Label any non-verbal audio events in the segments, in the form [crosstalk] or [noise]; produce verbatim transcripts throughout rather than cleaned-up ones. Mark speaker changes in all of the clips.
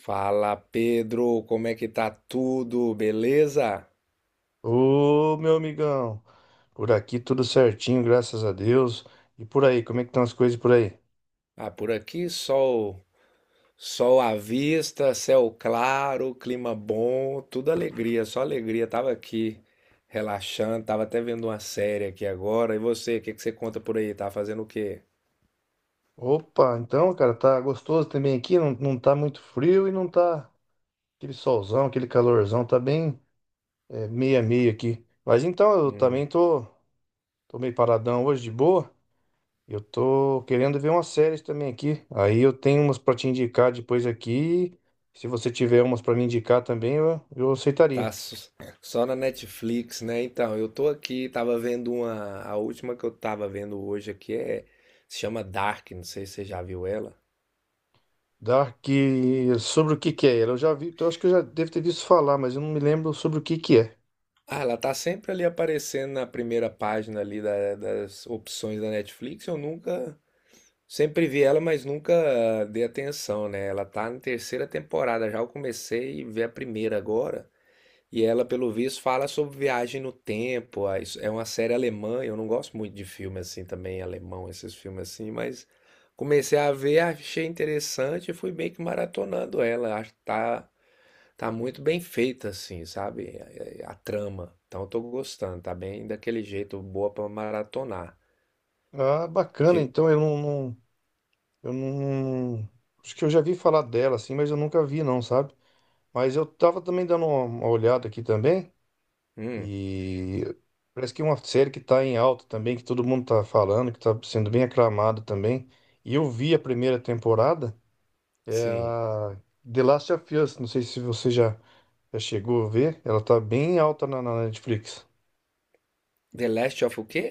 Speaker 1: Fala Pedro, como é que tá tudo? Beleza?
Speaker 2: Ô, meu amigão, por aqui tudo certinho, graças a Deus. E por aí, como é que estão as coisas por aí?
Speaker 1: Ah, por aqui sol, sol à vista, céu claro, clima bom, tudo alegria, só alegria. Tava aqui relaxando, tava até vendo uma série aqui agora. E você, o que que você conta por aí? Tá fazendo o quê?
Speaker 2: Opa, então, cara, tá gostoso também aqui, não, não tá muito frio e não tá aquele solzão, aquele calorzão, tá bem é, meia meia aqui. Mas então, eu
Speaker 1: Hum,
Speaker 2: também tô, tô meio paradão hoje de boa. Eu tô querendo ver umas séries também aqui. Aí eu tenho umas pra te indicar depois aqui. Se você tiver umas pra me indicar também, eu, eu
Speaker 1: tá
Speaker 2: aceitaria.
Speaker 1: s- só na Netflix, né? Então, eu tô aqui, tava vendo uma, a última que eu tava vendo hoje aqui é se chama Dark, não sei se você já viu ela.
Speaker 2: Dark, sobre o que que é ela? Eu já vi, eu acho que eu já devo ter visto falar, mas eu não me lembro sobre o que que é.
Speaker 1: Ah, ela tá sempre ali aparecendo na primeira página ali da- das opções da Netflix. Eu nunca, sempre vi ela, mas nunca dei atenção, né? Ela tá na terceira temporada, já eu comecei a ver a primeira agora. E ela, pelo visto, fala sobre viagem no tempo. Ah, isso- É uma série alemã, eu não gosto muito de filme assim também, alemão, esses filmes assim, mas comecei a ver, achei interessante e fui meio que maratonando ela. Acho que tá Tá muito bem feita, assim, sabe? A, a- a trama. Então eu tô gostando, tá bem daquele jeito, boa pra maratonar.
Speaker 2: Ah, bacana,
Speaker 1: Tipo,
Speaker 2: então eu não, não- eu não, acho que eu já vi falar dela assim, mas eu nunca vi não, sabe? Mas eu tava também dando uma, uma olhada aqui também
Speaker 1: hum,
Speaker 2: e parece que é uma série que tá em alta também, que todo mundo tá falando, que tá sendo bem aclamada também. E eu vi a primeira temporada, é
Speaker 1: sim.
Speaker 2: a The Last of Us, não sei se você já, já chegou a ver, ela tá bem alta na na Netflix.
Speaker 1: The Last of o quê?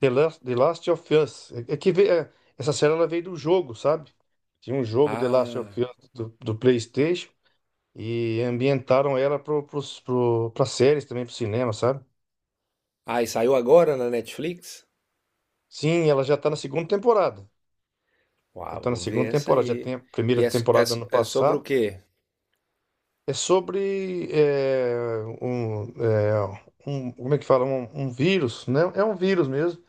Speaker 2: The Last, The Last of Us. É, é que ve- é, essa série ela veio do jogo, sabe? Tinha um jogo The Last
Speaker 1: Ah,
Speaker 2: of Us do, do PlayStation e ambientaram ela pro, pros- pro, pra séries também, pro cinema, sabe?
Speaker 1: ah, e saiu agora na Netflix?
Speaker 2: Sim, ela já tá na segunda temporada. Ela
Speaker 1: Uau,
Speaker 2: tá na
Speaker 1: vou
Speaker 2: segunda
Speaker 1: ver essa
Speaker 2: temporada, já
Speaker 1: aí.
Speaker 2: tem a primeira
Speaker 1: E é, so- é,
Speaker 2: temporada do
Speaker 1: so-
Speaker 2: ano
Speaker 1: é sobre
Speaker 2: passado.
Speaker 1: o quê?
Speaker 2: É sobre é, um, é, um- Como é que fala? Um, um vírus, né? É um vírus mesmo,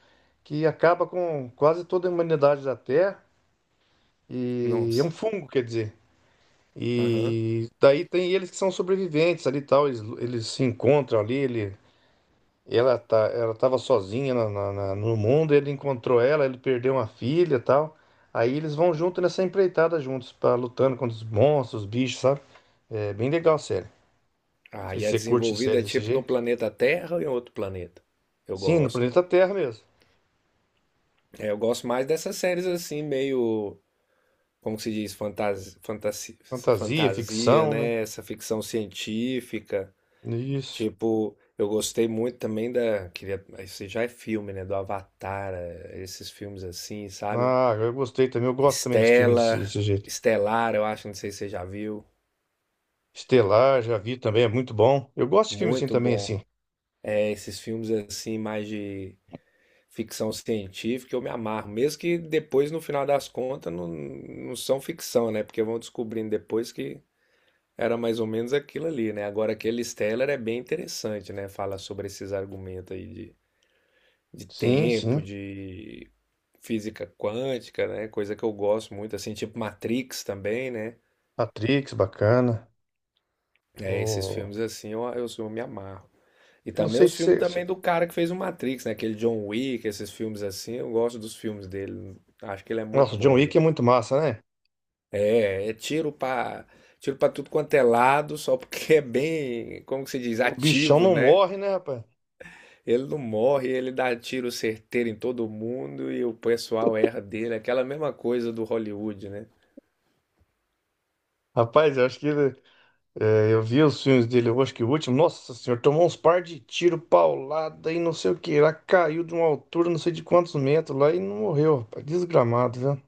Speaker 2: que acaba com quase toda a humanidade da Terra. E é um
Speaker 1: Nossa.
Speaker 2: fungo, quer dizer.
Speaker 1: Aham.
Speaker 2: E daí tem eles que são sobreviventes ali e tal, eles, eles se encontram ali, ele, ela tá, ela tava sozinha na- na- na- no mundo, ele encontrou ela, ele perdeu uma filha e tal. Aí eles vão junto nessa empreitada juntos, pra, lutando contra os monstros, os bichos, sabe? É bem legal a série. Não
Speaker 1: Ah,
Speaker 2: sei
Speaker 1: e
Speaker 2: se
Speaker 1: é
Speaker 2: você curte
Speaker 1: desenvolvida
Speaker 2: séries desse
Speaker 1: tipo no
Speaker 2: jeito.
Speaker 1: planeta Terra ou em outro planeta? Eu
Speaker 2: Sim, no
Speaker 1: gosto.
Speaker 2: planeta Terra mesmo.
Speaker 1: É, eu gosto mais dessas séries assim, meio. Como que se diz, fantasia, fantasia,
Speaker 2: Fantasia,
Speaker 1: fantasia,
Speaker 2: ficção, né?
Speaker 1: né? Essa ficção científica.
Speaker 2: Isso.
Speaker 1: Tipo, eu gostei muito também da. Queria, isso já é filme, né? Do Avatar, eh, esses filmes assim, sabe?
Speaker 2: Ah, eu gostei também. Eu gosto também de filmes desse
Speaker 1: Estela,
Speaker 2: desse jeito.
Speaker 1: Estelar, eu acho, não sei se você já viu.
Speaker 2: Estelar, já vi também, é muito bom. Eu gosto de filmes assim
Speaker 1: Muito
Speaker 2: também,
Speaker 1: bom.
Speaker 2: assim.
Speaker 1: É, esses filmes assim, mais de ficção científica, eu me amarro. Mesmo que depois, no final das contas, não, não são ficção, né? Porque vão descobrindo depois que era mais ou menos aquilo ali, né? Agora, aquele Stellar é bem interessante, né? Fala sobre esses argumentos aí de, de
Speaker 2: Sim, sim.
Speaker 1: tempo, de física quântica, né? Coisa que eu gosto muito, assim, tipo Matrix também, né?
Speaker 2: Matrix, bacana.
Speaker 1: É, esses
Speaker 2: O...
Speaker 1: filmes assim eu, eu, eu me amarro. E
Speaker 2: Eu não
Speaker 1: também
Speaker 2: sei
Speaker 1: os
Speaker 2: se...
Speaker 1: filmes
Speaker 2: você-
Speaker 1: também
Speaker 2: se-
Speaker 1: do cara que fez o Matrix, né? Aquele John Wick, esses filmes assim, eu gosto dos filmes dele. Acho que ele é muito
Speaker 2: Nossa, John
Speaker 1: bom, viu?
Speaker 2: Wick é muito massa, né?
Speaker 1: É, é tiro pra, tiro pra tudo quanto é lado, só porque é bem, como que se diz,
Speaker 2: O bichão
Speaker 1: ativo,
Speaker 2: não
Speaker 1: né?
Speaker 2: morre, né, rapaz?
Speaker 1: Ele não morre, ele dá tiro certeiro em todo mundo e o pessoal erra dele. Aquela mesma coisa do Hollywood, né?
Speaker 2: Rapaz, eu acho que ele- é, eu vi os filmes dele, eu acho que o último, nossa senhora, tomou uns par de tiro, paulada e não sei o que. Lá caiu de uma altura, não sei de quantos metros lá e não morreu, rapaz. Desgramado, viu?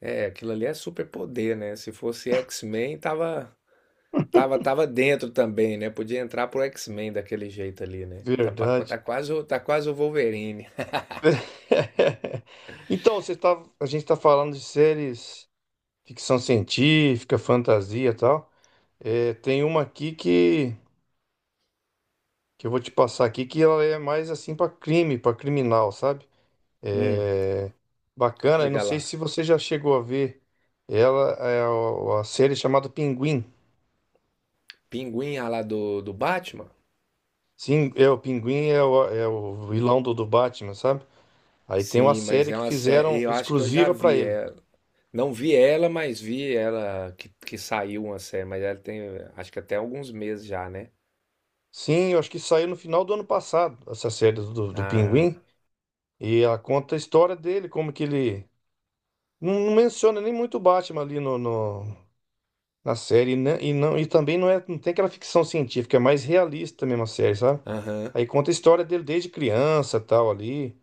Speaker 1: É, aquilo ali é superpoder, né? Se fosse X-Men, tava, tava, tava dentro também, né? Podia entrar pro X-Men daquele jeito ali, né? Tá, pa-
Speaker 2: Verdade.
Speaker 1: tá quase, o- tá quase o Wolverine.
Speaker 2: [laughs] Então, você tá, a gente está falando de séries, ficção científica, fantasia e tal. É, tem uma aqui que. que eu vou te passar aqui, que ela é mais assim pra crime, pra criminal, sabe?
Speaker 1: Hum,
Speaker 2: É bacana, eu não
Speaker 1: diga
Speaker 2: sei
Speaker 1: lá.
Speaker 2: se você já chegou a ver ela, é a, a série chamada Pinguim.
Speaker 1: Pinguim, ah, lá do, do Batman?
Speaker 2: Sim, é o Pinguim é o, é o vilão do, do, Batman, sabe? Aí tem uma
Speaker 1: Sim, mas
Speaker 2: série
Speaker 1: é
Speaker 2: que
Speaker 1: uma série.
Speaker 2: fizeram
Speaker 1: Eu acho que eu já
Speaker 2: exclusiva pra
Speaker 1: vi
Speaker 2: ele.
Speaker 1: ela. Não vi ela, mas vi ela que, que saiu uma série. Mas ela tem, acho que até alguns meses já, né?
Speaker 2: Sim, eu acho que saiu no final do ano passado, essa série do, do, Pinguim,
Speaker 1: Ah,
Speaker 2: e ela conta a história dele, como que ele não, não menciona nem muito o Batman ali no, no, na série. E não, e, não, e também não, é, não tem aquela ficção científica, é mais realista mesmo a série, sabe?
Speaker 1: aham.
Speaker 2: Aí conta a história dele desde criança, tal, ali.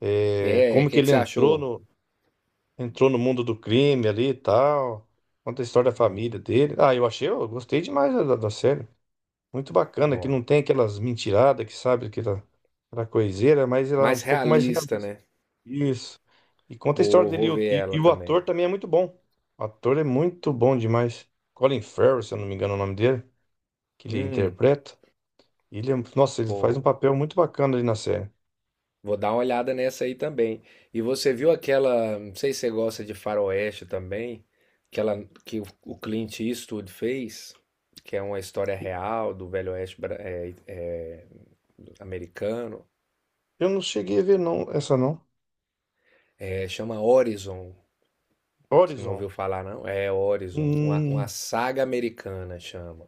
Speaker 2: É,
Speaker 1: É, o
Speaker 2: como que
Speaker 1: que que
Speaker 2: ele
Speaker 1: você
Speaker 2: entrou
Speaker 1: achou?
Speaker 2: no, entrou no mundo do crime ali e tal. Conta a história da
Speaker 1: Não,
Speaker 2: família dele. Ah, eu achei, eu gostei demais da, da da série. Muito bacana, que
Speaker 1: não.
Speaker 2: não tem aquelas mentiradas que sabe que era, era coiseira, mas ela é um
Speaker 1: Mais
Speaker 2: pouco mais
Speaker 1: realista,
Speaker 2: realista.
Speaker 1: né?
Speaker 2: Isso. E conta a história
Speaker 1: Boa,
Speaker 2: dele.
Speaker 1: vou
Speaker 2: E, o-
Speaker 1: ver
Speaker 2: e,
Speaker 1: ela
Speaker 2: e o ator
Speaker 1: também.
Speaker 2: também é muito bom. O ator é muito bom demais. Colin Farrell, se eu não me engano é o nome dele que ele
Speaker 1: Hum,
Speaker 2: interpreta. Ele, é um- nossa, ele faz um
Speaker 1: pô,
Speaker 2: papel muito bacana ali na série.
Speaker 1: vou dar uma olhada nessa aí também. E você viu aquela, não sei se você gosta de faroeste também, aquela que o o Clint Eastwood fez, que é uma história real do Velho Oeste bra- é, é, americano.
Speaker 2: Eu não cheguei a ver não, essa não.
Speaker 1: É, chama Horizon. Você não
Speaker 2: Horizon.
Speaker 1: ouviu falar, não? É Horizon, uma, uma
Speaker 2: Hum,
Speaker 1: saga americana chama.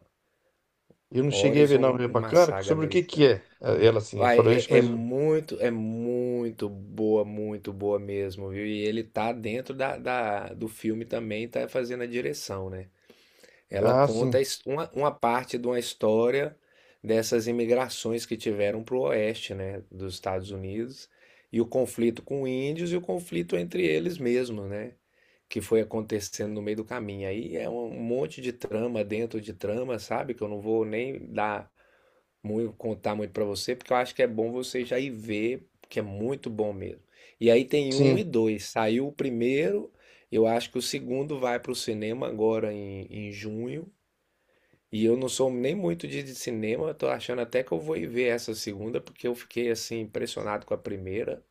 Speaker 2: eu não cheguei a ver não,
Speaker 1: Horizon:
Speaker 2: é
Speaker 1: Uma
Speaker 2: bacana.
Speaker 1: Saga
Speaker 2: Sobre o que que
Speaker 1: Americana.
Speaker 2: é? Ah,
Speaker 1: Hum.
Speaker 2: ela assim, é
Speaker 1: Vai,
Speaker 2: faroeste,
Speaker 1: é é
Speaker 2: mas
Speaker 1: muito é muito boa, muito boa mesmo, viu. E ele tá dentro da da do filme também, tá fazendo a direção, né. Ela
Speaker 2: ah,
Speaker 1: conta a
Speaker 2: sim.
Speaker 1: his uma uma parte de uma história dessas imigrações que tiveram para o oeste, né, dos Estados Unidos, e o conflito com índios e o conflito entre eles mesmos, né, que foi acontecendo no meio do caminho. Aí é um monte de trama dentro de trama, sabe, que eu não vou nem dar muito, contar muito pra você, porque eu acho que é bom você já ir ver, que é muito bom mesmo. E aí tem um
Speaker 2: Sim,
Speaker 1: e dois. Saiu o primeiro, eu acho que o segundo vai pro cinema agora em, em junho. E eu não sou nem muito de de cinema, eu tô achando até que eu vou ir ver essa segunda, porque eu fiquei assim impressionado com a primeira.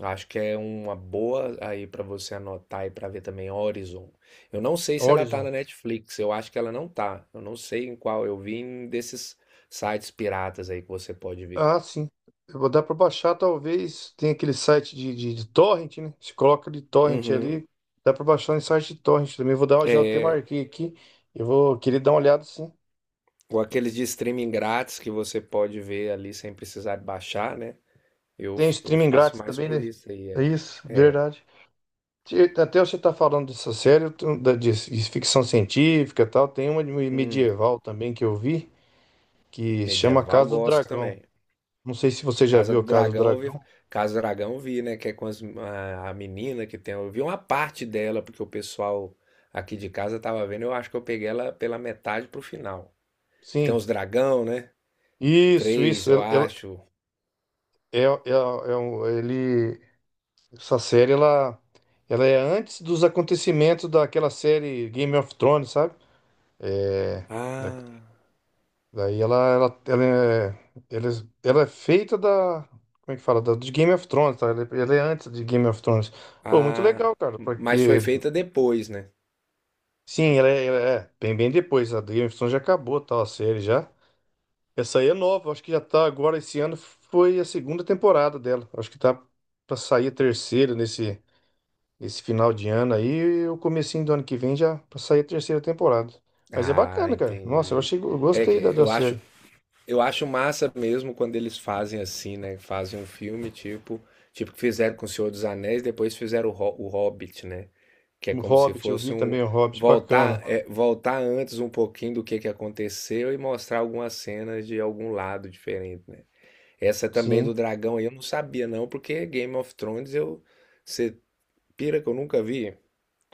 Speaker 1: Acho que é uma boa aí pra você anotar e pra ver também Horizon. Eu não sei se ela tá
Speaker 2: Horizon.
Speaker 1: na Netflix, eu acho que ela não tá. Eu não sei em qual, eu vi em desses sites piratas aí que você pode ver.
Speaker 2: Ah, sim. Eu vou dar para baixar, talvez. Tem aquele site de, de, de torrent, né? Se coloca de torrent
Speaker 1: Uhum.
Speaker 2: ali, dá para baixar em site de torrent também. Vou dar, uma já até
Speaker 1: É,
Speaker 2: marquei aqui. Eu vou querer dar uma olhada, sim.
Speaker 1: ou aqueles de streaming grátis que você pode ver ali sem precisar baixar, né? Eu,
Speaker 2: Tem o
Speaker 1: eu
Speaker 2: streaming
Speaker 1: faço
Speaker 2: grátis
Speaker 1: mais
Speaker 2: também,
Speaker 1: por
Speaker 2: né?
Speaker 1: isso aí,
Speaker 2: É
Speaker 1: é.
Speaker 2: isso,
Speaker 1: É.
Speaker 2: verdade. Te- Até você está falando dessa série eu tô- da- de, de ficção científica e tal, tem uma de
Speaker 1: Hum,
Speaker 2: medieval também que eu vi, que chama
Speaker 1: medieval
Speaker 2: Casa do
Speaker 1: gosto
Speaker 2: Dragão.
Speaker 1: também.
Speaker 2: Não sei se você já
Speaker 1: Casa
Speaker 2: viu
Speaker 1: do
Speaker 2: Casa do
Speaker 1: Dragão, eu vi,
Speaker 2: Dragão.
Speaker 1: Casa do Dragão eu vi, né? Que é com as- a, a menina que tem. Eu vi uma parte dela, porque o pessoal aqui de casa tava vendo. Eu acho que eu peguei ela pela metade pro final. Tem
Speaker 2: Sim,
Speaker 1: uns dragão, né?
Speaker 2: isso,
Speaker 1: Três,
Speaker 2: isso.
Speaker 1: eu
Speaker 2: Ela, ela-
Speaker 1: acho.
Speaker 2: é, é, é um- ele, essa série ela, ela é antes dos acontecimentos daquela série Game of Thrones, sabe? É,
Speaker 1: Ah,
Speaker 2: Daí ela, ela, ela, é, ela, é ela é feita da. Como é que fala? Da, de Game of Thrones, tá? Ela, é ela é antes de Game of Thrones. Pô, muito
Speaker 1: ah.
Speaker 2: legal, cara,
Speaker 1: Mas foi
Speaker 2: porque.
Speaker 1: feita depois, né?
Speaker 2: Sim, ela é, ela é bem, bem depois. A Game of Thrones já acabou, tal, a série já. Essa aí é nova, acho que já tá agora esse ano. Foi a segunda temporada dela. Acho que tá pra sair a terceira nesse, nesse final de ano aí. E o comecinho do ano que vem já pra sair a terceira temporada. Mas é
Speaker 1: Ah,
Speaker 2: bacana, cara. Nossa, eu
Speaker 1: entendi.
Speaker 2: achei, eu
Speaker 1: É que
Speaker 2: gostei da, da
Speaker 1: eu acho.
Speaker 2: série.
Speaker 1: Eu acho massa mesmo quando eles fazem assim, né? Fazem um filme tipo, tipo que fizeram com o Senhor dos Anéis, depois fizeram o, Ho- o Hobbit, né? Que é
Speaker 2: O
Speaker 1: como se
Speaker 2: Hobbit, eu
Speaker 1: fosse
Speaker 2: vi
Speaker 1: um
Speaker 2: também o Hobbit,
Speaker 1: voltar,
Speaker 2: bacana.
Speaker 1: é, voltar antes um pouquinho do que que aconteceu e mostrar algumas cenas de algum lado diferente, né? Essa também do
Speaker 2: Sim.
Speaker 1: dragão aí eu não sabia não, porque Game of Thrones eu você pira que eu nunca vi.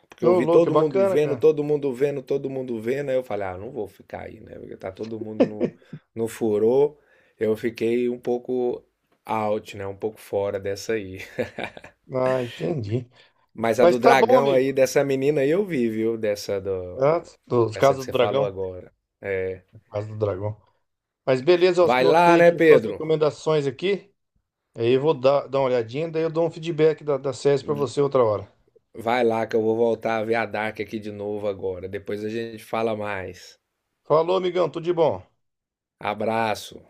Speaker 1: Porque eu
Speaker 2: Ô,
Speaker 1: vi
Speaker 2: louco, é
Speaker 1: todo mundo
Speaker 2: bacana,
Speaker 1: vendo,
Speaker 2: cara.
Speaker 1: todo mundo vendo, todo mundo vendo. Aí eu falei, ah, não vou ficar aí, né? Porque tá todo mundo no, no furor. Eu fiquei um pouco out, né? Um pouco fora dessa aí.
Speaker 2: Ah, entendi.
Speaker 1: Mas a
Speaker 2: Mas
Speaker 1: do
Speaker 2: tá bom,
Speaker 1: dragão
Speaker 2: amigo.
Speaker 1: aí, dessa menina aí eu vi, viu? Dessa
Speaker 2: Ah,
Speaker 1: do...
Speaker 2: do,
Speaker 1: Essa
Speaker 2: caso
Speaker 1: que
Speaker 2: do
Speaker 1: você falou
Speaker 2: dragão.
Speaker 1: agora.
Speaker 2: Caso do dragão. Mas beleza, eu
Speaker 1: Vai lá,
Speaker 2: anotei
Speaker 1: né,
Speaker 2: aqui suas
Speaker 1: Pedro?
Speaker 2: recomendações aqui. Aí eu vou dar, dar uma olhadinha, daí eu dou um feedback da, da série pra você outra hora.
Speaker 1: Vai lá que eu vou voltar a ver a Dark aqui de novo agora. Depois a gente fala mais.
Speaker 2: Falou, amigão, tudo de bom.
Speaker 1: Abraço.